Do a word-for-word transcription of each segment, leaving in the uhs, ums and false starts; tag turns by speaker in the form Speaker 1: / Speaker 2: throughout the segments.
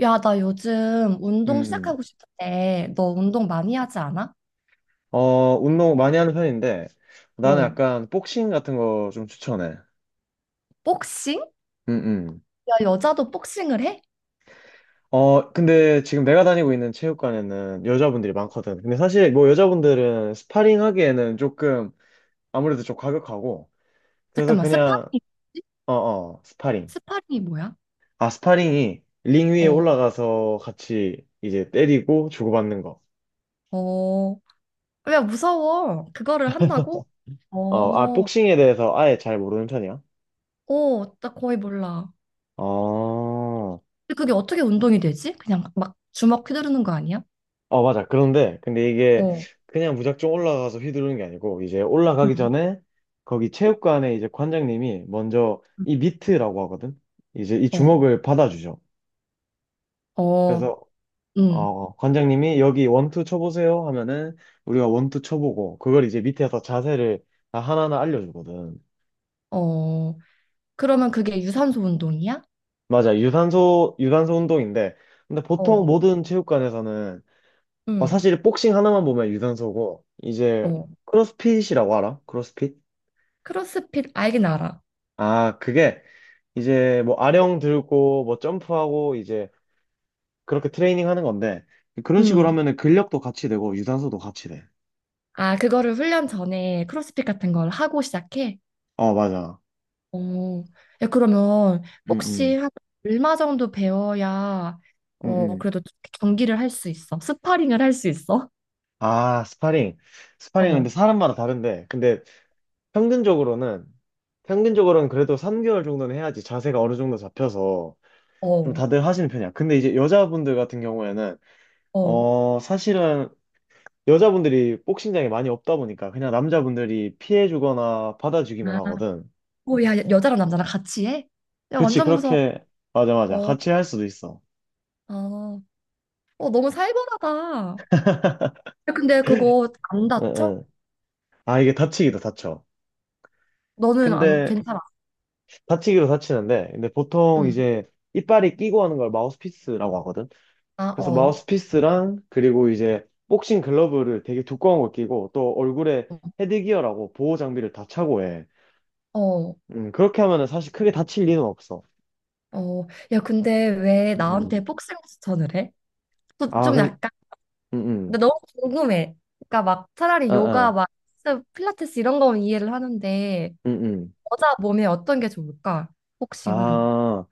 Speaker 1: 야, 나 요즘 운동
Speaker 2: 음,
Speaker 1: 시작하고 싶은데, 너 운동 많이 하지 않아?
Speaker 2: 어, 운동 많이 하는 편인데, 나는
Speaker 1: 어,
Speaker 2: 약간 복싱 같은 거 좀 추천해.
Speaker 1: 복싱?
Speaker 2: 음, 음.
Speaker 1: 야, 여자도 복싱을 해?
Speaker 2: 어, 근데 지금 내가 다니고 있는 체육관에는 여자분들이 많거든. 근데 사실 뭐 여자분들은 스파링 하기에는 조금 아무래도 좀 과격하고, 그래서
Speaker 1: 잠깐만,
Speaker 2: 그냥,
Speaker 1: 스파링이 뭐지?
Speaker 2: 어, 어, 스파링.
Speaker 1: 스파링이 뭐야?
Speaker 2: 아, 스파링이 링 위에
Speaker 1: 어,
Speaker 2: 올라가서 같이 이제 때리고 주고받는 거.
Speaker 1: 어, 어, 야, 무서워. 그거를 한다고?
Speaker 2: 어, 아,
Speaker 1: 어,
Speaker 2: 복싱에 대해서 아예 잘 모르는 편이야.
Speaker 1: 어, 나 거의 몰라.
Speaker 2: 어.
Speaker 1: 근데 그게 어떻게 운동이 되지? 그냥 막 주먹 휘두르는 거 아니야?
Speaker 2: 어, 맞아. 그런데, 근데 이게
Speaker 1: 어,
Speaker 2: 그냥 무작정 올라가서 휘두르는 게 아니고, 이제 올라가기
Speaker 1: 응,
Speaker 2: 전에 거기 체육관에 이제 관장님이 먼저 이 미트라고 하거든? 이제 이
Speaker 1: 어,
Speaker 2: 주먹을 받아주죠.
Speaker 1: 어,
Speaker 2: 그래서,
Speaker 1: 응,
Speaker 2: 어, 관장님이 여기 원투 쳐보세요 하면은 우리가 원투 쳐보고, 그걸 이제 밑에서 자세를 다 하나하나 알려주거든.
Speaker 1: 어. 그러면 그게 유산소 운동이야?
Speaker 2: 맞아. 유산소, 유산소 운동인데, 근데 보통
Speaker 1: 어,
Speaker 2: 모든 체육관에서는, 어,
Speaker 1: 응,
Speaker 2: 사실 복싱 하나만 보면 유산소고, 이제
Speaker 1: 어.
Speaker 2: 크로스핏이라고 알아? 크로스핏?
Speaker 1: 크로스핏 알긴 알아.
Speaker 2: 아, 그게 이제 뭐 아령 들고 뭐 점프하고 이제 그렇게 트레이닝 하는 건데 그런 식으로
Speaker 1: 음.
Speaker 2: 하면은 근력도 같이 되고 유산소도 같이 돼.
Speaker 1: 아, 그거를 훈련 전에 크로스핏 같은 걸 하고 시작해?
Speaker 2: 어, 맞아.
Speaker 1: 어. 야, 그러면
Speaker 2: 음,
Speaker 1: 혹시
Speaker 2: 음,
Speaker 1: 한 얼마 정도 배워야
Speaker 2: 음,
Speaker 1: 어,
Speaker 2: 음.
Speaker 1: 그래도 경기를 할 수 있어? 스파링을 할 수 있어?
Speaker 2: 아, 스파링. 스파링은
Speaker 1: 어.
Speaker 2: 근데 사람마다 다른데 근데 평균적으로는 평균적으로는 그래도 삼 개월 정도는 해야지 자세가 어느 정도 잡혀서 좀
Speaker 1: 어.
Speaker 2: 다들 하시는 편이야. 근데 이제 여자분들 같은 경우에는
Speaker 1: 어.
Speaker 2: 어, 사실은 여자분들이 복싱장이 많이 없다 보니까 그냥 남자분들이 피해 주거나 받아주기만
Speaker 1: 아.
Speaker 2: 하거든.
Speaker 1: 오, 야, 여자랑 남자랑 같이 해? 야,
Speaker 2: 그렇지,
Speaker 1: 완전 무서워.
Speaker 2: 그렇게, 맞아, 맞아.
Speaker 1: 어.
Speaker 2: 같이 할 수도 있어.
Speaker 1: 어, 어, 너무 살벌하다. 야, 근데 그거 안
Speaker 2: 응,
Speaker 1: 다쳐?
Speaker 2: 응. 아, 이게 다치기도 다쳐.
Speaker 1: 너는 안
Speaker 2: 근데,
Speaker 1: 괜찮아?
Speaker 2: 다치기도 다치는데, 근데 보통
Speaker 1: 응.
Speaker 2: 이제 이빨이 끼고 하는 걸 마우스피스라고 하거든?
Speaker 1: 아,
Speaker 2: 그래서
Speaker 1: 어.
Speaker 2: 마우스피스랑, 그리고 이제 복싱 글러브를 되게 두꺼운 걸 끼고, 또 얼굴에
Speaker 1: 어.
Speaker 2: 헤드기어라고 보호 장비를 다 차고 해.
Speaker 1: 어.
Speaker 2: 음, 그렇게 하면은 사실 크게 다칠 리는 없어.
Speaker 1: 어. 야, 근데 왜
Speaker 2: 음,
Speaker 1: 나한테
Speaker 2: 음.
Speaker 1: 복싱 추천을 해? 저
Speaker 2: 아,
Speaker 1: 좀
Speaker 2: 근,
Speaker 1: 약간
Speaker 2: 음,
Speaker 1: 근데
Speaker 2: 음.
Speaker 1: 너무 궁금해. 그러니까 막 차라리
Speaker 2: 아,
Speaker 1: 요가
Speaker 2: 아,
Speaker 1: 막 헬스, 필라테스 이런 거면 이해를 하는데
Speaker 2: 음, 음.
Speaker 1: 여자 몸에 어떤 게 좋을까? 복싱은
Speaker 2: 아,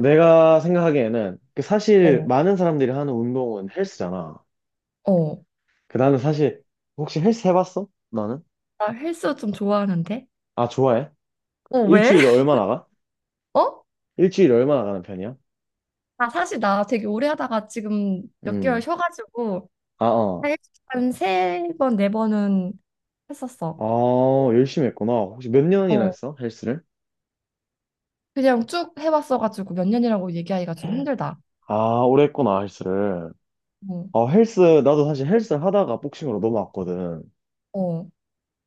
Speaker 2: 내가 생각하기에는 그 사실
Speaker 1: 어,
Speaker 2: 많은 사람들이 하는 운동은 헬스잖아.
Speaker 1: 어.
Speaker 2: 그 나는 사실 혹시 헬스 해봤어? 나는?
Speaker 1: 나 헬스 좀 좋아하는데.
Speaker 2: 아, 좋아해?
Speaker 1: 어, 왜?
Speaker 2: 일주일에 얼마나 가?
Speaker 1: 어?
Speaker 2: 일주일에 얼마나 가는 편이야?
Speaker 1: 아, 사실 나 되게 오래 하다가 지금 몇 개월
Speaker 2: 음.
Speaker 1: 쉬어가지고
Speaker 2: 아, 어.
Speaker 1: 한 세 번, 네 번은
Speaker 2: 아,
Speaker 1: 했었어.
Speaker 2: 열심히 했구나. 혹시 몇 년이나
Speaker 1: 어.
Speaker 2: 했어? 헬스를?
Speaker 1: 그냥 쭉 해왔어가지고 몇 년이라고 얘기하기가 좀 힘들다.
Speaker 2: 아, 오래 했구나, 헬스를.
Speaker 1: 어,
Speaker 2: 아, 헬스, 나도 사실 헬스를 하다가 복싱으로 넘어왔거든.
Speaker 1: 어,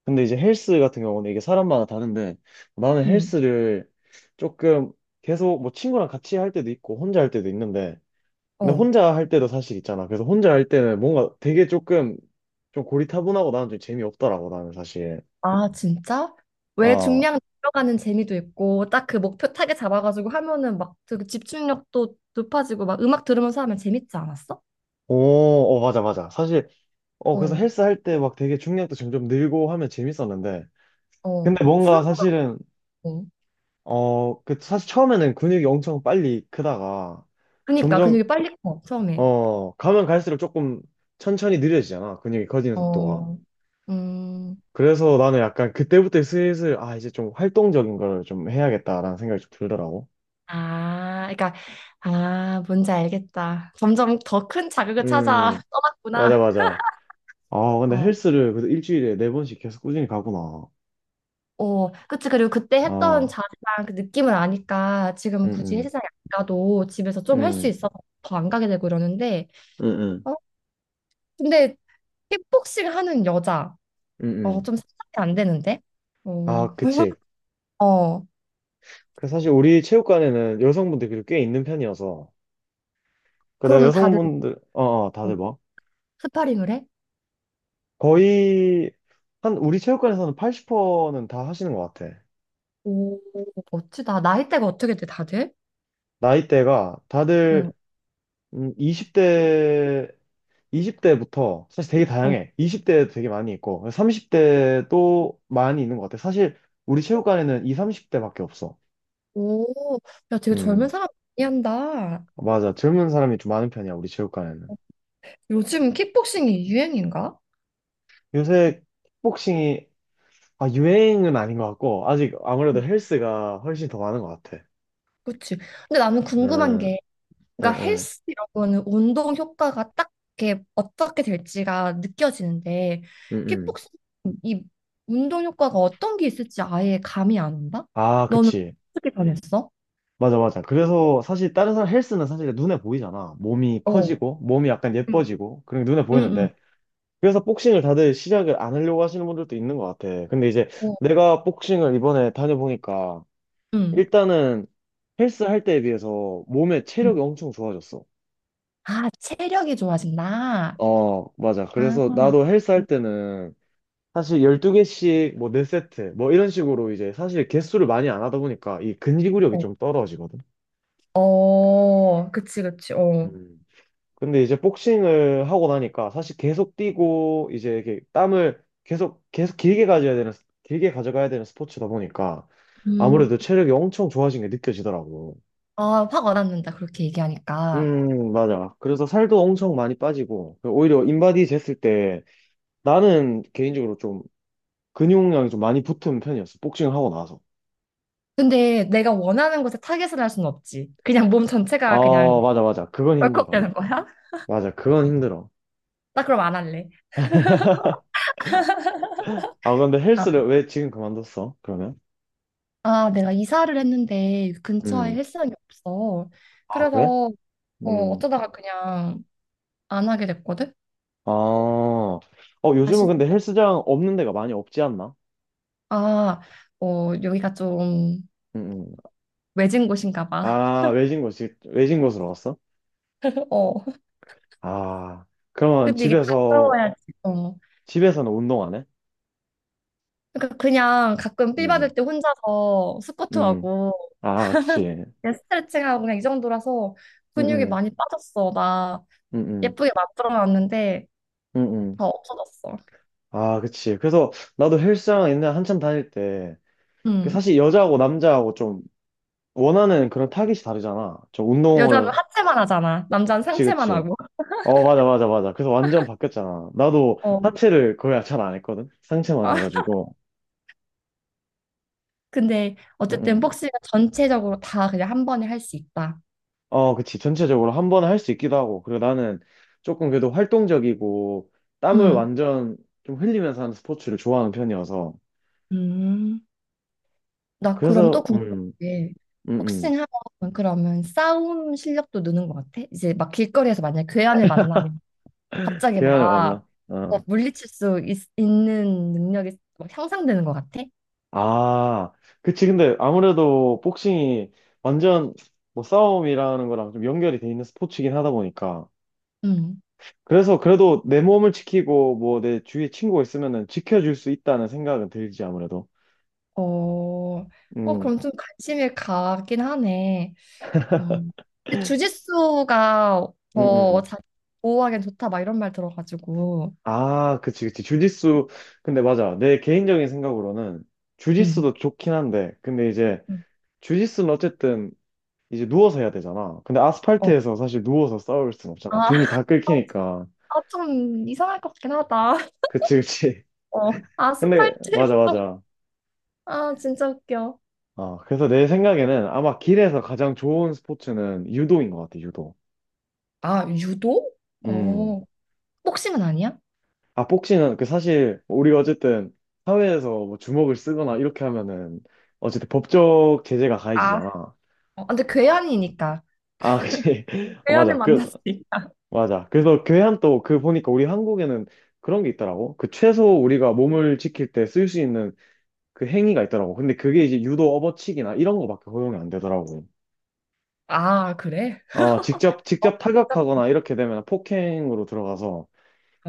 Speaker 2: 근데 이제 헬스 같은 경우는 이게 사람마다 다른데 나는
Speaker 1: 응
Speaker 2: 헬스를 조금 계속 뭐 친구랑 같이 할 때도 있고 혼자 할 때도 있는데 근데
Speaker 1: 어.
Speaker 2: 혼자 할 때도 사실 있잖아. 그래서 혼자 할 때는 뭔가 되게 조금 좀 고리타분하고 나는 좀 재미없더라고 나는 사실.
Speaker 1: 아, 진짜? 왜
Speaker 2: 아,
Speaker 1: 중량 들어가는 재미도 있고 딱 그 목표 타겟 잡아가지고 하면은 막 그 집중력도 높아지고 막 음악 들으면서 하면 재밌지 않았어?
Speaker 2: 오, 어, 맞아, 맞아. 사실, 어, 그래서
Speaker 1: 어,
Speaker 2: 헬스 할 때 막 되게 중량도 점점 늘고 하면 재밌었는데
Speaker 1: 어.
Speaker 2: 근데 뭔가
Speaker 1: 슬럼프 같고.
Speaker 2: 사실은 어, 그 사실 처음에는 근육이 엄청 빨리 크다가
Speaker 1: 그니까
Speaker 2: 점점
Speaker 1: 근육이 빨리 커 처음에.
Speaker 2: 어, 가면 갈수록 조금 천천히 느려지잖아. 근육이 커지는 속도가.
Speaker 1: 어, 음.
Speaker 2: 그래서 나는 약간 그때부터 슬슬, 아, 이제 좀 활동적인 걸 좀 해야겠다라는 생각이 좀 들더라고.
Speaker 1: 아, 그러니까 아, 뭔지 알겠다. 점점 더 큰 자극을 찾아
Speaker 2: 음, 맞아,
Speaker 1: 떠났구나.
Speaker 2: 맞아. 아, 근데
Speaker 1: 어.
Speaker 2: 헬스를 그래도 일주일에 네 번씩 계속 꾸준히 가구나.
Speaker 1: 어, 그치. 그리고 그때 했던
Speaker 2: 아,
Speaker 1: 자세랑 그 느낌을 아니까 지금
Speaker 2: 응,
Speaker 1: 굳이
Speaker 2: 응,
Speaker 1: 헬스장에 안 가도 집에서 좀 할 수
Speaker 2: 응,
Speaker 1: 있어서 더 안 가게 되고 이러는데,
Speaker 2: 응,
Speaker 1: 어, 근데 킥복싱 하는 여자,
Speaker 2: 응,
Speaker 1: 어,
Speaker 2: 응.
Speaker 1: 좀 상상이 안 되는데? 어,
Speaker 2: 아, 그치.
Speaker 1: 어,
Speaker 2: 그 사실 우리 체육관에는 여성분들이 그래도 꽤 있는 편이어서. 근데
Speaker 1: 그러면 다들
Speaker 2: 여성분들, 어, 어,
Speaker 1: 어,
Speaker 2: 다들 뭐?
Speaker 1: 스파링을 해?
Speaker 2: 거의, 한, 우리 체육관에서는 팔십 퍼센트는 다 하시는 것 같아.
Speaker 1: 오, 멋지다. 나이대가 어떻게 돼, 다들?
Speaker 2: 나이대가
Speaker 1: 응.
Speaker 2: 다들 음, 이십 대 이십 대부터 사실 되게
Speaker 1: 어,
Speaker 2: 다양해. 이십 대도 되게 많이 있고 삼십 대도 많이 있는 것 같아. 사실 우리 체육관에는 이, 삼십 대밖에 없어.
Speaker 1: 오, 야, 되게 젊은
Speaker 2: 음,
Speaker 1: 사람 많이 한다.
Speaker 2: 맞아. 젊은 사람이 좀 많은 편이야, 우리 체육관에는.
Speaker 1: 요즘 킥복싱이 유행인가?
Speaker 2: 요새 킥복싱이, 아, 유행은 아닌 것 같고 아직 아무래도 헬스가 훨씬 더 많은 것 같아.
Speaker 1: 그치. 근데 나는
Speaker 2: 음,
Speaker 1: 궁금한
Speaker 2: 음,
Speaker 1: 게, 그러니까
Speaker 2: 음,
Speaker 1: 헬스 이런 거는 운동 효과가 딱 이렇게 어떻게 될지가 느껴지는데
Speaker 2: 음, 음.
Speaker 1: 킥복싱 이 운동 효과가 어떤 게 있을지 아예 감이 안 온다?
Speaker 2: 아,
Speaker 1: 너는
Speaker 2: 그치.
Speaker 1: 어떻게 변했어?
Speaker 2: 맞아, 맞아. 그래서 사실 다른 사람 헬스는 사실 눈에 보이잖아. 몸이
Speaker 1: 어.
Speaker 2: 커지고, 몸이 약간
Speaker 1: 응,
Speaker 2: 예뻐지고, 그런 게 눈에
Speaker 1: 응, 응.
Speaker 2: 보이는데. 그래서 복싱을 다들 시작을 안 하려고 하시는 분들도 있는 것 같아. 근데 이제
Speaker 1: 어,
Speaker 2: 내가 복싱을 이번에 다녀보니까,
Speaker 1: 응,
Speaker 2: 일단은 헬스 할 때에 비해서 몸의
Speaker 1: 응.
Speaker 2: 체력이 엄청 좋아졌어.
Speaker 1: 아, 체력이 좋아진다.
Speaker 2: 어, 맞아.
Speaker 1: 아,
Speaker 2: 그래서 나도 헬스 할 때는 사실 열두 개씩 뭐 네 세트, 뭐 이런 식으로 이제 사실 개수를 많이 안 하다 보니까 이 근지구력이
Speaker 1: 어,
Speaker 2: 좀 떨어지거든.
Speaker 1: 어, 그치, 그치, 어.
Speaker 2: 음. 근데 이제 복싱을 하고 나니까 사실 계속 뛰고 이제 이게 땀을 계속 계속 길게 가져야 되는 길게 가져가야 되는 스포츠다 보니까
Speaker 1: 음,
Speaker 2: 아무래도 체력이 엄청 좋아진 게 느껴지더라고.
Speaker 1: 아, 확 와닿는다, 그렇게 얘기하니까.
Speaker 2: 음, 맞아. 그래서 살도 엄청 많이 빠지고 오히려 인바디 쟀을 때 나는 개인적으로 좀 근육량이 좀 많이 붙은 편이었어. 복싱을 하고 나서.
Speaker 1: 근데 내가 원하는 곳에 타겟을 할 수는 없지. 그냥 몸 전체가
Speaker 2: 아,
Speaker 1: 그냥
Speaker 2: 맞아, 맞아. 그건
Speaker 1: 벌컥
Speaker 2: 힘들어.
Speaker 1: 되는 거야?
Speaker 2: 맞아, 그건 힘들어.
Speaker 1: 나 그럼 안 할래.
Speaker 2: 아, 근데
Speaker 1: 아,
Speaker 2: 헬스를 왜 지금 그만뒀어? 그러면?
Speaker 1: 아, 내가 이사를 했는데 근처에
Speaker 2: 음.
Speaker 1: 헬스장이 없어.
Speaker 2: 아, 그래?
Speaker 1: 그래서 어,
Speaker 2: 음.
Speaker 1: 어쩌다가 그냥 안 하게 됐거든.
Speaker 2: 아, 어, 요즘은
Speaker 1: 사실
Speaker 2: 근데 헬스장 없는 데가 많이 없지 않나?
Speaker 1: 아, 어, 여기가 좀
Speaker 2: 음, 음.
Speaker 1: 외진 곳인가 봐.
Speaker 2: 아, 외진 곳, 외진 곳으로 갔어?
Speaker 1: 어.
Speaker 2: 아, 그러면
Speaker 1: 근데 이게
Speaker 2: 집에서,
Speaker 1: 가까워야지. 어.
Speaker 2: 집에서는 운동 안 해?
Speaker 1: 그러니까 그냥 가끔 필 받을
Speaker 2: 음,
Speaker 1: 때 혼자서
Speaker 2: 음. 음.
Speaker 1: 스쿼트하고
Speaker 2: 아, 그치. 음,
Speaker 1: 그냥 스트레칭하고 그냥 이 정도라서 근육이
Speaker 2: 음,
Speaker 1: 많이 빠졌어. 나
Speaker 2: 음, 음,
Speaker 1: 예쁘게 만들어 놨는데
Speaker 2: 음, 음.
Speaker 1: 다 없어졌어.
Speaker 2: 아, 그치. 그래서 나도 헬스장 옛날에 한참 다닐 때, 그
Speaker 1: 음.
Speaker 2: 사실 여자하고 남자하고 좀 원하는 그런 타깃이 다르잖아. 좀
Speaker 1: 여자는
Speaker 2: 운동을,
Speaker 1: 하체만 하잖아. 남자는
Speaker 2: 그치,
Speaker 1: 상체만
Speaker 2: 그치.
Speaker 1: 하고.
Speaker 2: 어, 맞아, 맞아, 맞아. 그래서 완전 바뀌었잖아. 나도
Speaker 1: 어.
Speaker 2: 하체를 거의 잘 안 했거든? 상체만
Speaker 1: 아,
Speaker 2: 해가지고.
Speaker 1: 근데
Speaker 2: 응,
Speaker 1: 어쨌든
Speaker 2: 응.
Speaker 1: 복싱은 전체적으로 다 그냥 한 번에 할 수 있다.
Speaker 2: 어, 그치. 전체적으로 한 번에 할 수 있기도 하고. 그리고 나는 조금 그래도 활동적이고, 땀을
Speaker 1: 음.
Speaker 2: 완전 좀 흘리면서 하는 스포츠를 좋아하는 편이어서.
Speaker 1: 음. 나 그럼
Speaker 2: 그래서,
Speaker 1: 또 궁금한
Speaker 2: 음,
Speaker 1: 게
Speaker 2: 음, 음.
Speaker 1: 복싱하면 그러면 싸움 실력도 느는 것 같아? 이제 막 길거리에서 만약에 괴한을 만나면 갑자기
Speaker 2: 계란을
Speaker 1: 막
Speaker 2: 만나.
Speaker 1: 어,
Speaker 2: 어.
Speaker 1: 물리칠 수 있, 는 능력이 막 향상되는 것 같아?
Speaker 2: 아, 그치. 근데 아무래도 복싱이 완전 뭐 싸움이라는 거랑 좀 연결이 돼 있는 스포츠이긴 하다 보니까.
Speaker 1: 음.
Speaker 2: 그래서 그래도 내 몸을 지키고 뭐 내 주위에 친구가 있으면은 지켜줄 수 있다는 생각은 들지 아무래도.
Speaker 1: 어, 어,
Speaker 2: 음,
Speaker 1: 그럼 좀 관심이 가긴 하네. 어, 근데 주짓수가
Speaker 2: 음,
Speaker 1: 더
Speaker 2: 음.
Speaker 1: 자기 보호하기엔 좋다 막 이런 말 들어가지고.
Speaker 2: 아, 그치, 그치. 주짓수. 근데 맞아. 내 개인적인 생각으로는
Speaker 1: 음.
Speaker 2: 주짓수도 좋긴 한데, 근데 이제
Speaker 1: 음.
Speaker 2: 주짓수는 어쨌든 이제 누워서 해야 되잖아. 근데
Speaker 1: 어.
Speaker 2: 아스팔트에서 사실 누워서 싸울 순 없잖아.
Speaker 1: 아,
Speaker 2: 등이 다 긁히니까.
Speaker 1: 아, 좀 이상할 것 같긴 하다.
Speaker 2: 그치, 그치.
Speaker 1: 어.
Speaker 2: 근데 맞아,
Speaker 1: 아스팔트에서.
Speaker 2: 맞아.
Speaker 1: 아, 진짜 웃겨.
Speaker 2: 아, 그래서 내 생각에는 아마 길에서 가장 좋은 스포츠는 유도인 것 같아, 유도.
Speaker 1: 아, 유도?
Speaker 2: 음.
Speaker 1: 어. 복싱은 아니야?
Speaker 2: 아, 복싱은 그 사실 우리가 어쨌든 사회에서 뭐 주먹을 쓰거나 이렇게 하면은 어쨌든 법적 제재가
Speaker 1: 아.
Speaker 2: 가해지잖아.
Speaker 1: 어, 근데 괴한이니까.
Speaker 2: 아, 그치. 어,
Speaker 1: 괴한을
Speaker 2: 맞아. 그,
Speaker 1: 만났으니까.
Speaker 2: 맞아. 그래서 교회한 또 그 보니까 우리 한국에는 그런 게 있더라고. 그 최소 우리가 몸을 지킬 때 쓸 수 있는 그 행위가 있더라고. 근데 그게 이제 유도 업어치기나 이런 거밖에 허용이 안 되더라고.
Speaker 1: 아, 그래?
Speaker 2: 어, 직접, 직접 타격하거나 이렇게 되면 폭행으로 들어가서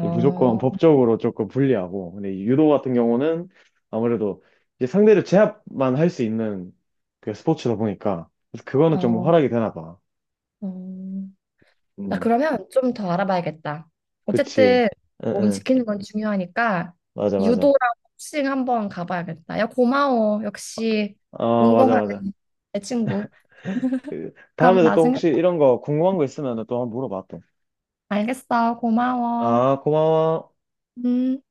Speaker 2: 이제 무조건 법적으로 조금 불리하고, 근데 이 유도 같은 경우는 아무래도 이제 상대를 제압만 할 수 있는 그 스포츠다 보니까, 그래서 그거는 좀
Speaker 1: 어,
Speaker 2: 활약이 되나 봐.
Speaker 1: 어. 나
Speaker 2: 음,
Speaker 1: 그러면 좀 더 알아봐야겠다.
Speaker 2: 그치.
Speaker 1: 어쨌든
Speaker 2: 응,
Speaker 1: 몸
Speaker 2: 응.
Speaker 1: 지키는 건 중요하니까
Speaker 2: 맞아, 맞아.
Speaker 1: 유도랑 복싱 한번 가봐야겠다. 야, 고마워. 역시
Speaker 2: 어, 맞아,
Speaker 1: 운동하는
Speaker 2: 맞아.
Speaker 1: 내 친구.
Speaker 2: 그,
Speaker 1: 그럼
Speaker 2: 다음에도 또
Speaker 1: 나중에
Speaker 2: 혹시
Speaker 1: 또
Speaker 2: 이런 거 궁금한 거 있으면 또 한번 물어봐, 또.
Speaker 1: 알겠어. 고마워.
Speaker 2: 아, 고마워.
Speaker 1: 음.